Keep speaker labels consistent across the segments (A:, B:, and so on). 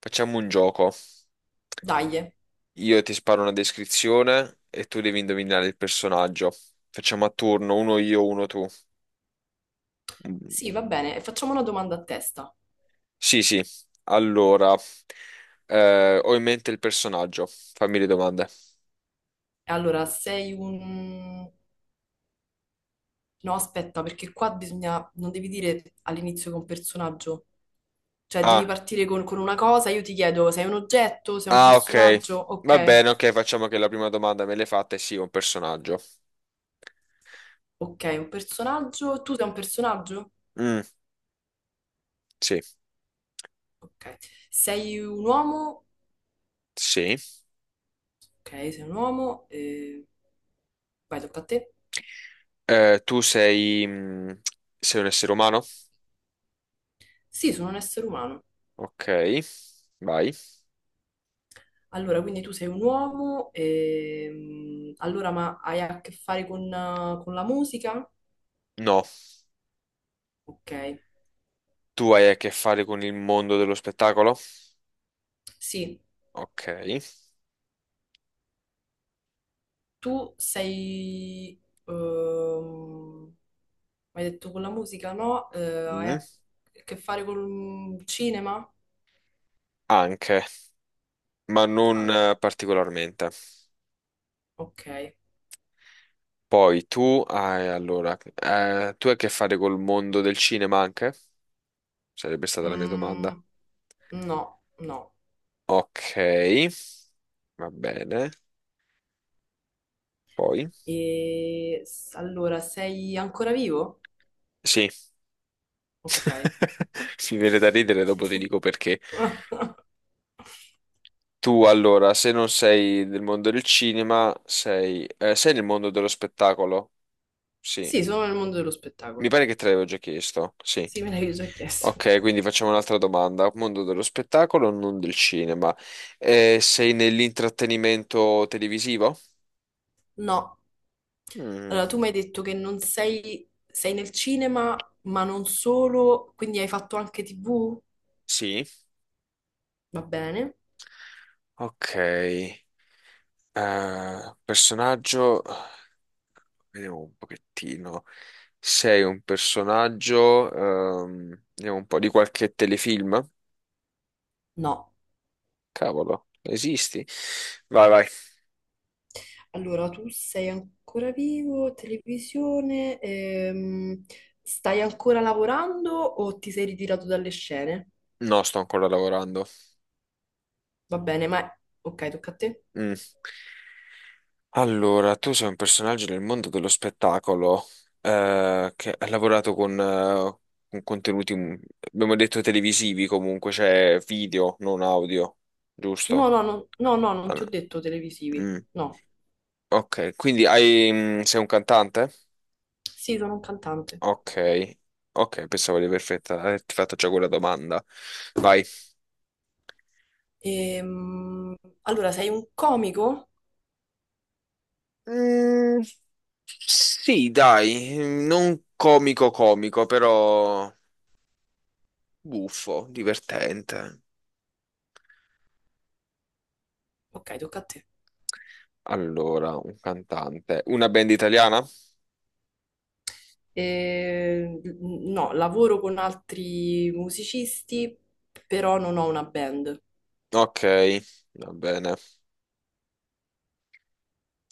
A: Facciamo un gioco.
B: Dai,
A: Io ti sparo una descrizione e tu devi indovinare il personaggio. Facciamo a turno, uno io, uno tu. Mm.
B: sì, va bene. E facciamo una domanda a testa.
A: Sì, sì. Allora, ho in mente il personaggio. Fammi le domande.
B: Allora, sei un... No, aspetta, perché qua bisogna... Non devi dire all'inizio che è un personaggio. Cioè, devi
A: Ah,
B: partire con una cosa, io ti chiedo, sei un oggetto, sei un
A: ah, ok.
B: personaggio?
A: Va
B: Ok,
A: bene, ok, facciamo che la prima domanda me l'hai fatta e sì, un personaggio.
B: ok, un personaggio. Tu sei un personaggio?
A: Mm, sì,
B: Ok. Sei un uomo?
A: sì.
B: Ok, sei un uomo. Vai, tocca a te.
A: Tu sei, sei un essere umano?
B: Sì, sono un essere umano.
A: Ok, vai.
B: Allora, quindi tu sei un uomo, allora ma hai a che fare con la musica?
A: No,
B: Ok,
A: tu hai a che fare con il mondo dello spettacolo?
B: sì,
A: Ok.
B: tu sei... hai detto con la musica, no? Hai a
A: Mm.
B: che fare col cinema?
A: Anche, ma non
B: Ah,
A: particolarmente.
B: ok.
A: Poi tu hai, allora, tu hai a che fare col mondo del cinema anche? Sarebbe stata la mia domanda.
B: Mm, no, no.
A: Ok, va bene. Poi?
B: Allora, sei ancora vivo?
A: Sì,
B: Ok.
A: mi viene da ridere, dopo ti dico perché. Tu, allora, se non sei del mondo del cinema, sei, sei nel mondo dello spettacolo? Sì,
B: Sì, sono nel mondo dello
A: mi
B: spettacolo.
A: pare che te l'avevo già chiesto, sì.
B: Sì, me l'hai già chiesto.
A: Ok, quindi facciamo un'altra domanda. Mondo dello spettacolo, non del cinema. Sei nell'intrattenimento televisivo?
B: No.
A: Mm,
B: Allora, tu mi hai detto che non sei, sei nel cinema, ma non solo, quindi hai fatto anche TV?
A: sì.
B: Va bene?
A: Ok. Personaggio. Vediamo un pochettino. Sei un personaggio. Vediamo un po' di qualche telefilm.
B: No.
A: Cavolo, esisti? Vai.
B: Allora, tu sei ancora vivo, televisione, stai ancora lavorando o ti sei ritirato dalle scene?
A: No, sto ancora lavorando.
B: Va bene, ma... Ok, tocca a te.
A: Mm. Allora, tu sei un personaggio nel mondo dello spettacolo che ha lavorato con contenuti, abbiamo detto televisivi comunque, cioè video, non audio,
B: No,
A: giusto?
B: no, no, no, no, non
A: Ah,
B: ti
A: no.
B: ho detto televisivi.
A: Mm.
B: No.
A: Ok, quindi hai, sei un cantante?
B: Sì, sono un cantante.
A: Ok, ok, pensavo di aver averti fatto già quella domanda. Vai.
B: Ehm, allora, sei un comico?
A: Mm, sì, dai, non comico comico, però buffo, divertente.
B: Ok, tocca a te.
A: Allora, un cantante. Una band italiana?
B: No, lavoro con altri musicisti, però non ho una band.
A: Ok, va bene.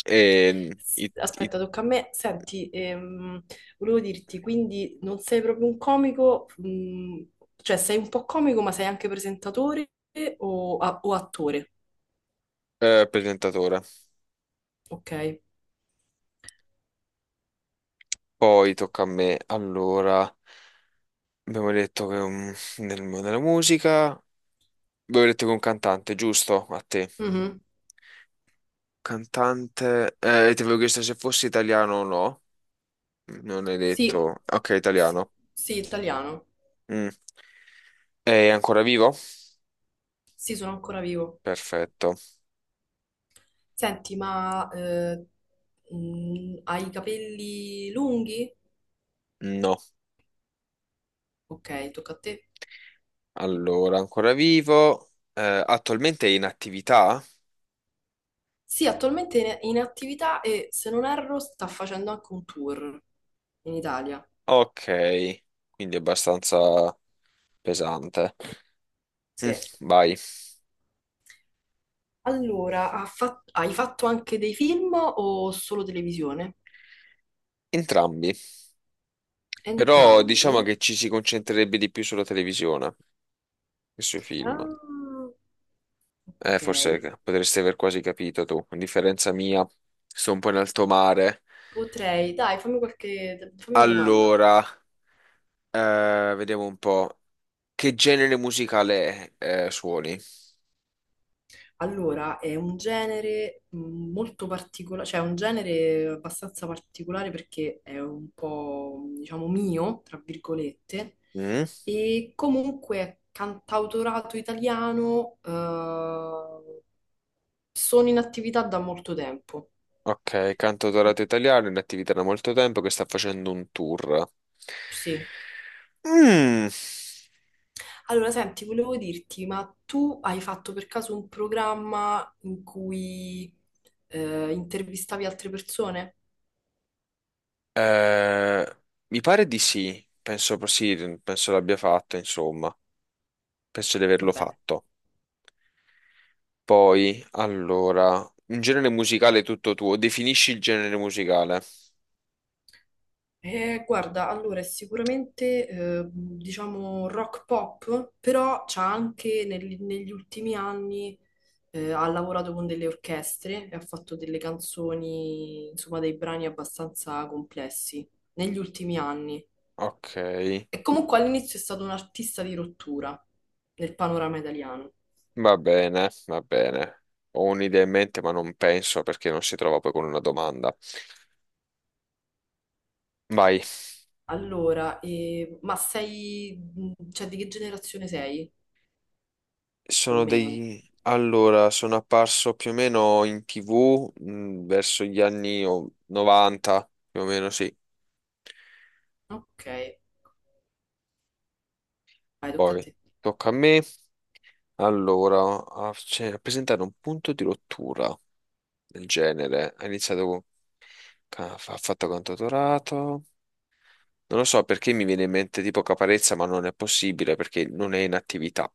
A: E i- i-
B: Aspetta, tocca a me. Senti, volevo dirti, quindi non sei proprio un comico, mm, cioè sei un po' comico, ma sei anche presentatore o attore,
A: presentatore.
B: ok?
A: Poi tocca a me. Allora, abbiamo detto che nel, nella musica. Abbiamo detto che un cantante, giusto? A te.
B: Mhm.
A: Cantante. Ti avevo chiesto se fosse italiano o no. Non hai
B: Sì,
A: detto. Ok,
B: sì,
A: italiano.
B: sì, italiano.
A: Mm. È ancora vivo?
B: Sì, sono ancora vivo.
A: Perfetto.
B: Senti, ma hai i capelli lunghi?
A: No.
B: Ok, tocca a te.
A: Allora, ancora vivo. Attualmente è in attività?
B: Sì, attualmente è in attività e se non erro sta facendo anche un tour in Italia.
A: Ok, quindi è abbastanza pesante. Mm,
B: Sì.
A: vai.
B: Allora, hai fatto anche dei film o solo televisione?
A: Entrambi. Però diciamo
B: Entrambi?
A: che ci si concentrerebbe di più sulla televisione che sui film.
B: Ah, ok.
A: Forse potresti aver quasi capito tu. A differenza mia, sto un po' in alto mare.
B: Potrei, dai, fammi una domanda.
A: Allora, vediamo un po'. Che genere musicale suoni?
B: Allora, è un genere molto particolare, cioè è un genere abbastanza particolare perché è un po', diciamo, mio, tra virgolette,
A: Mm?
B: e comunque è cantautorato italiano, sono in attività da molto tempo.
A: Ok, cantautorato italiano, in attività da molto tempo che sta facendo un tour.
B: Sì.
A: Mm,
B: Allora, senti, volevo dirti, ma tu hai fatto per caso un programma in cui intervistavi altre persone?
A: eh, mi pare di sì, sì, penso l'abbia fatto, insomma, penso di averlo
B: Vabbè.
A: fatto. Poi, allora, un genere musicale tutto tuo, definisci il genere musicale.
B: Guarda, allora è sicuramente diciamo rock pop, però c'ha anche negli ultimi anni ha lavorato con delle orchestre e ha fatto delle canzoni, insomma, dei brani abbastanza complessi negli ultimi anni.
A: Ok,
B: E comunque all'inizio è stato un artista di rottura nel panorama italiano.
A: va bene, va bene. Ho un'idea in mente, ma non penso perché non si trova poi con una domanda. Vai.
B: Allora, ma sei, mm, cioè di che generazione sei, più o
A: Sono
B: meno?
A: dei... Allora, sono apparso più o meno in TV verso gli anni 90, più o meno sì.
B: Ok, vai, tocca a
A: Poi
B: te.
A: tocca a me. Allora, a, cioè, a presentare un punto di rottura del genere. Ha iniziato con... Ha fatto cantautorato. Non lo so perché mi viene in mente tipo Caparezza, ma non è possibile perché non è in attività.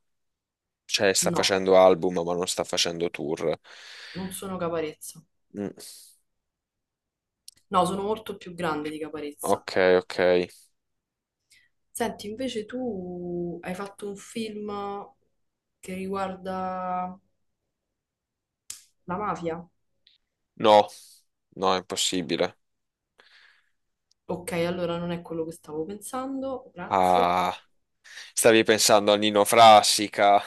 A: Cioè, sta
B: No,
A: facendo album, ma non sta facendo tour.
B: non sono Caparezza.
A: Mm,
B: No, sono molto più grande di Caparezza.
A: ok, ok.
B: Senti, invece tu hai fatto un film che riguarda la mafia?
A: No, no, è impossibile.
B: Ok, allora non è quello che stavo pensando, grazie.
A: Ah, stavi pensando a Nino Frassica?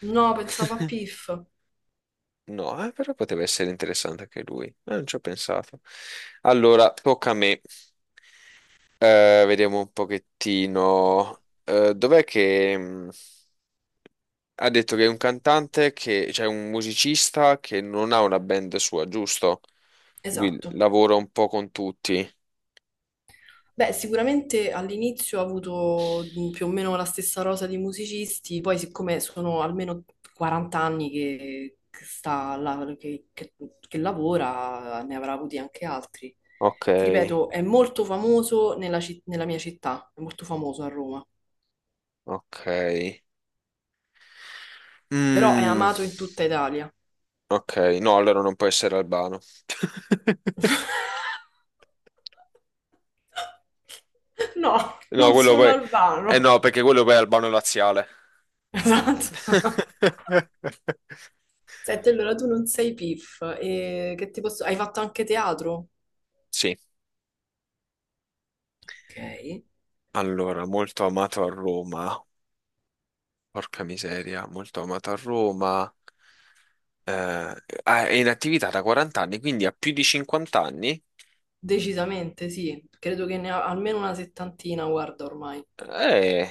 B: No, pensavo a Piff.
A: No, però poteva essere interessante anche lui. Non ci ho pensato. Allora, tocca a me. Vediamo un pochettino. Dov'è che ha detto che è un cantante che, cioè un musicista che non ha una band sua, giusto? Lui
B: Esatto.
A: lavora un po' con tutti.
B: Beh, sicuramente all'inizio ho avuto più o meno la stessa rosa di musicisti, poi siccome sono almeno 40 anni che sta là- che lavora, ne avrà avuti anche altri.
A: Ok,
B: Ti ripeto, è molto famoso nella mia città, è molto famoso a Roma,
A: ok.
B: però è
A: Mm.
B: amato in tutta Italia.
A: Ok, no, allora non può essere albano.
B: No,
A: No,
B: non
A: quello
B: sono
A: poi... Eh
B: albano.
A: no, perché quello poi è albano laziale.
B: Esatto. Senti, allora tu non sei PIF, e che ti posso... hai fatto anche teatro?
A: Sì,
B: Ok.
A: allora, molto amato a Roma. Porca miseria, molto amato a Roma. Eh, ah, è in attività da 40 anni, quindi ha più di 50 anni?
B: Decisamente sì, credo che ne ho almeno una settantina, guarda ormai.
A: Eh,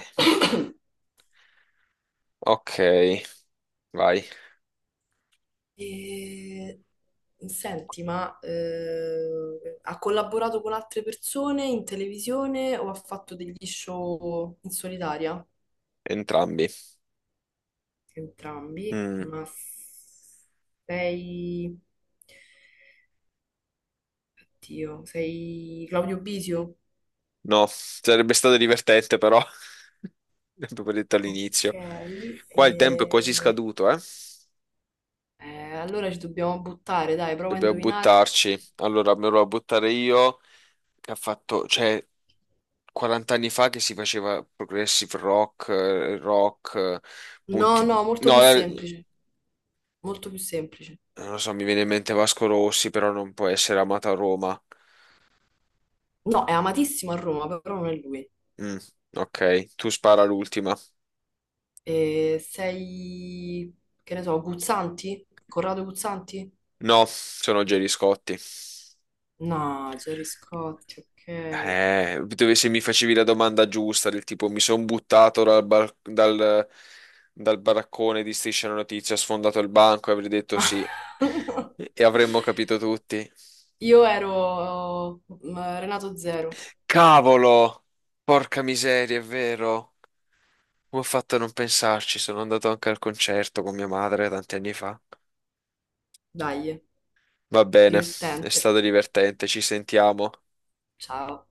A: ok, vai,
B: E... Senti, ma ha collaborato con altre persone in televisione o ha fatto degli show in solitaria?
A: entrambi.
B: Entrambi,
A: Mm.
B: ma sei... Dio, sei Claudio Bisio?
A: No, sarebbe stato divertente però, l'abbiamo detto
B: Ok,
A: all'inizio. Qua il tempo è quasi
B: e-
A: scaduto, eh?
B: Allora ci dobbiamo buttare, dai, prova a
A: Dobbiamo
B: indovinare.
A: buttarci. Allora, me lo vado a buttare io, che ha fatto, cioè, 40 anni fa che si faceva progressive rock,
B: No,
A: punti...
B: no, molto più
A: No,
B: semplice, molto più semplice.
A: non lo so, mi viene in mente Vasco Rossi, però non può essere amato a Roma.
B: No, è amatissimo a Roma, però non è lui.
A: Mm, ok, tu spara l'ultima.
B: Sei, che ne so, Guzzanti? Corrado Guzzanti?
A: No, sono Gerry Scotti.
B: No, Gerry Scotti, ok.
A: Dove se mi facevi la domanda giusta, del tipo mi sono buttato dal, dal baraccone di Striscia la Notizia, ho sfondato il banco e avrei detto sì. E avremmo capito tutti.
B: Io ero mm, Renato Zero.
A: Cavolo! Porca miseria, è vero. Come ho fatto a non pensarci? Sono andato anche al concerto con mia madre tanti anni fa.
B: Dai,
A: Va bene, è
B: divertente.
A: stato divertente, ci sentiamo.
B: Ciao.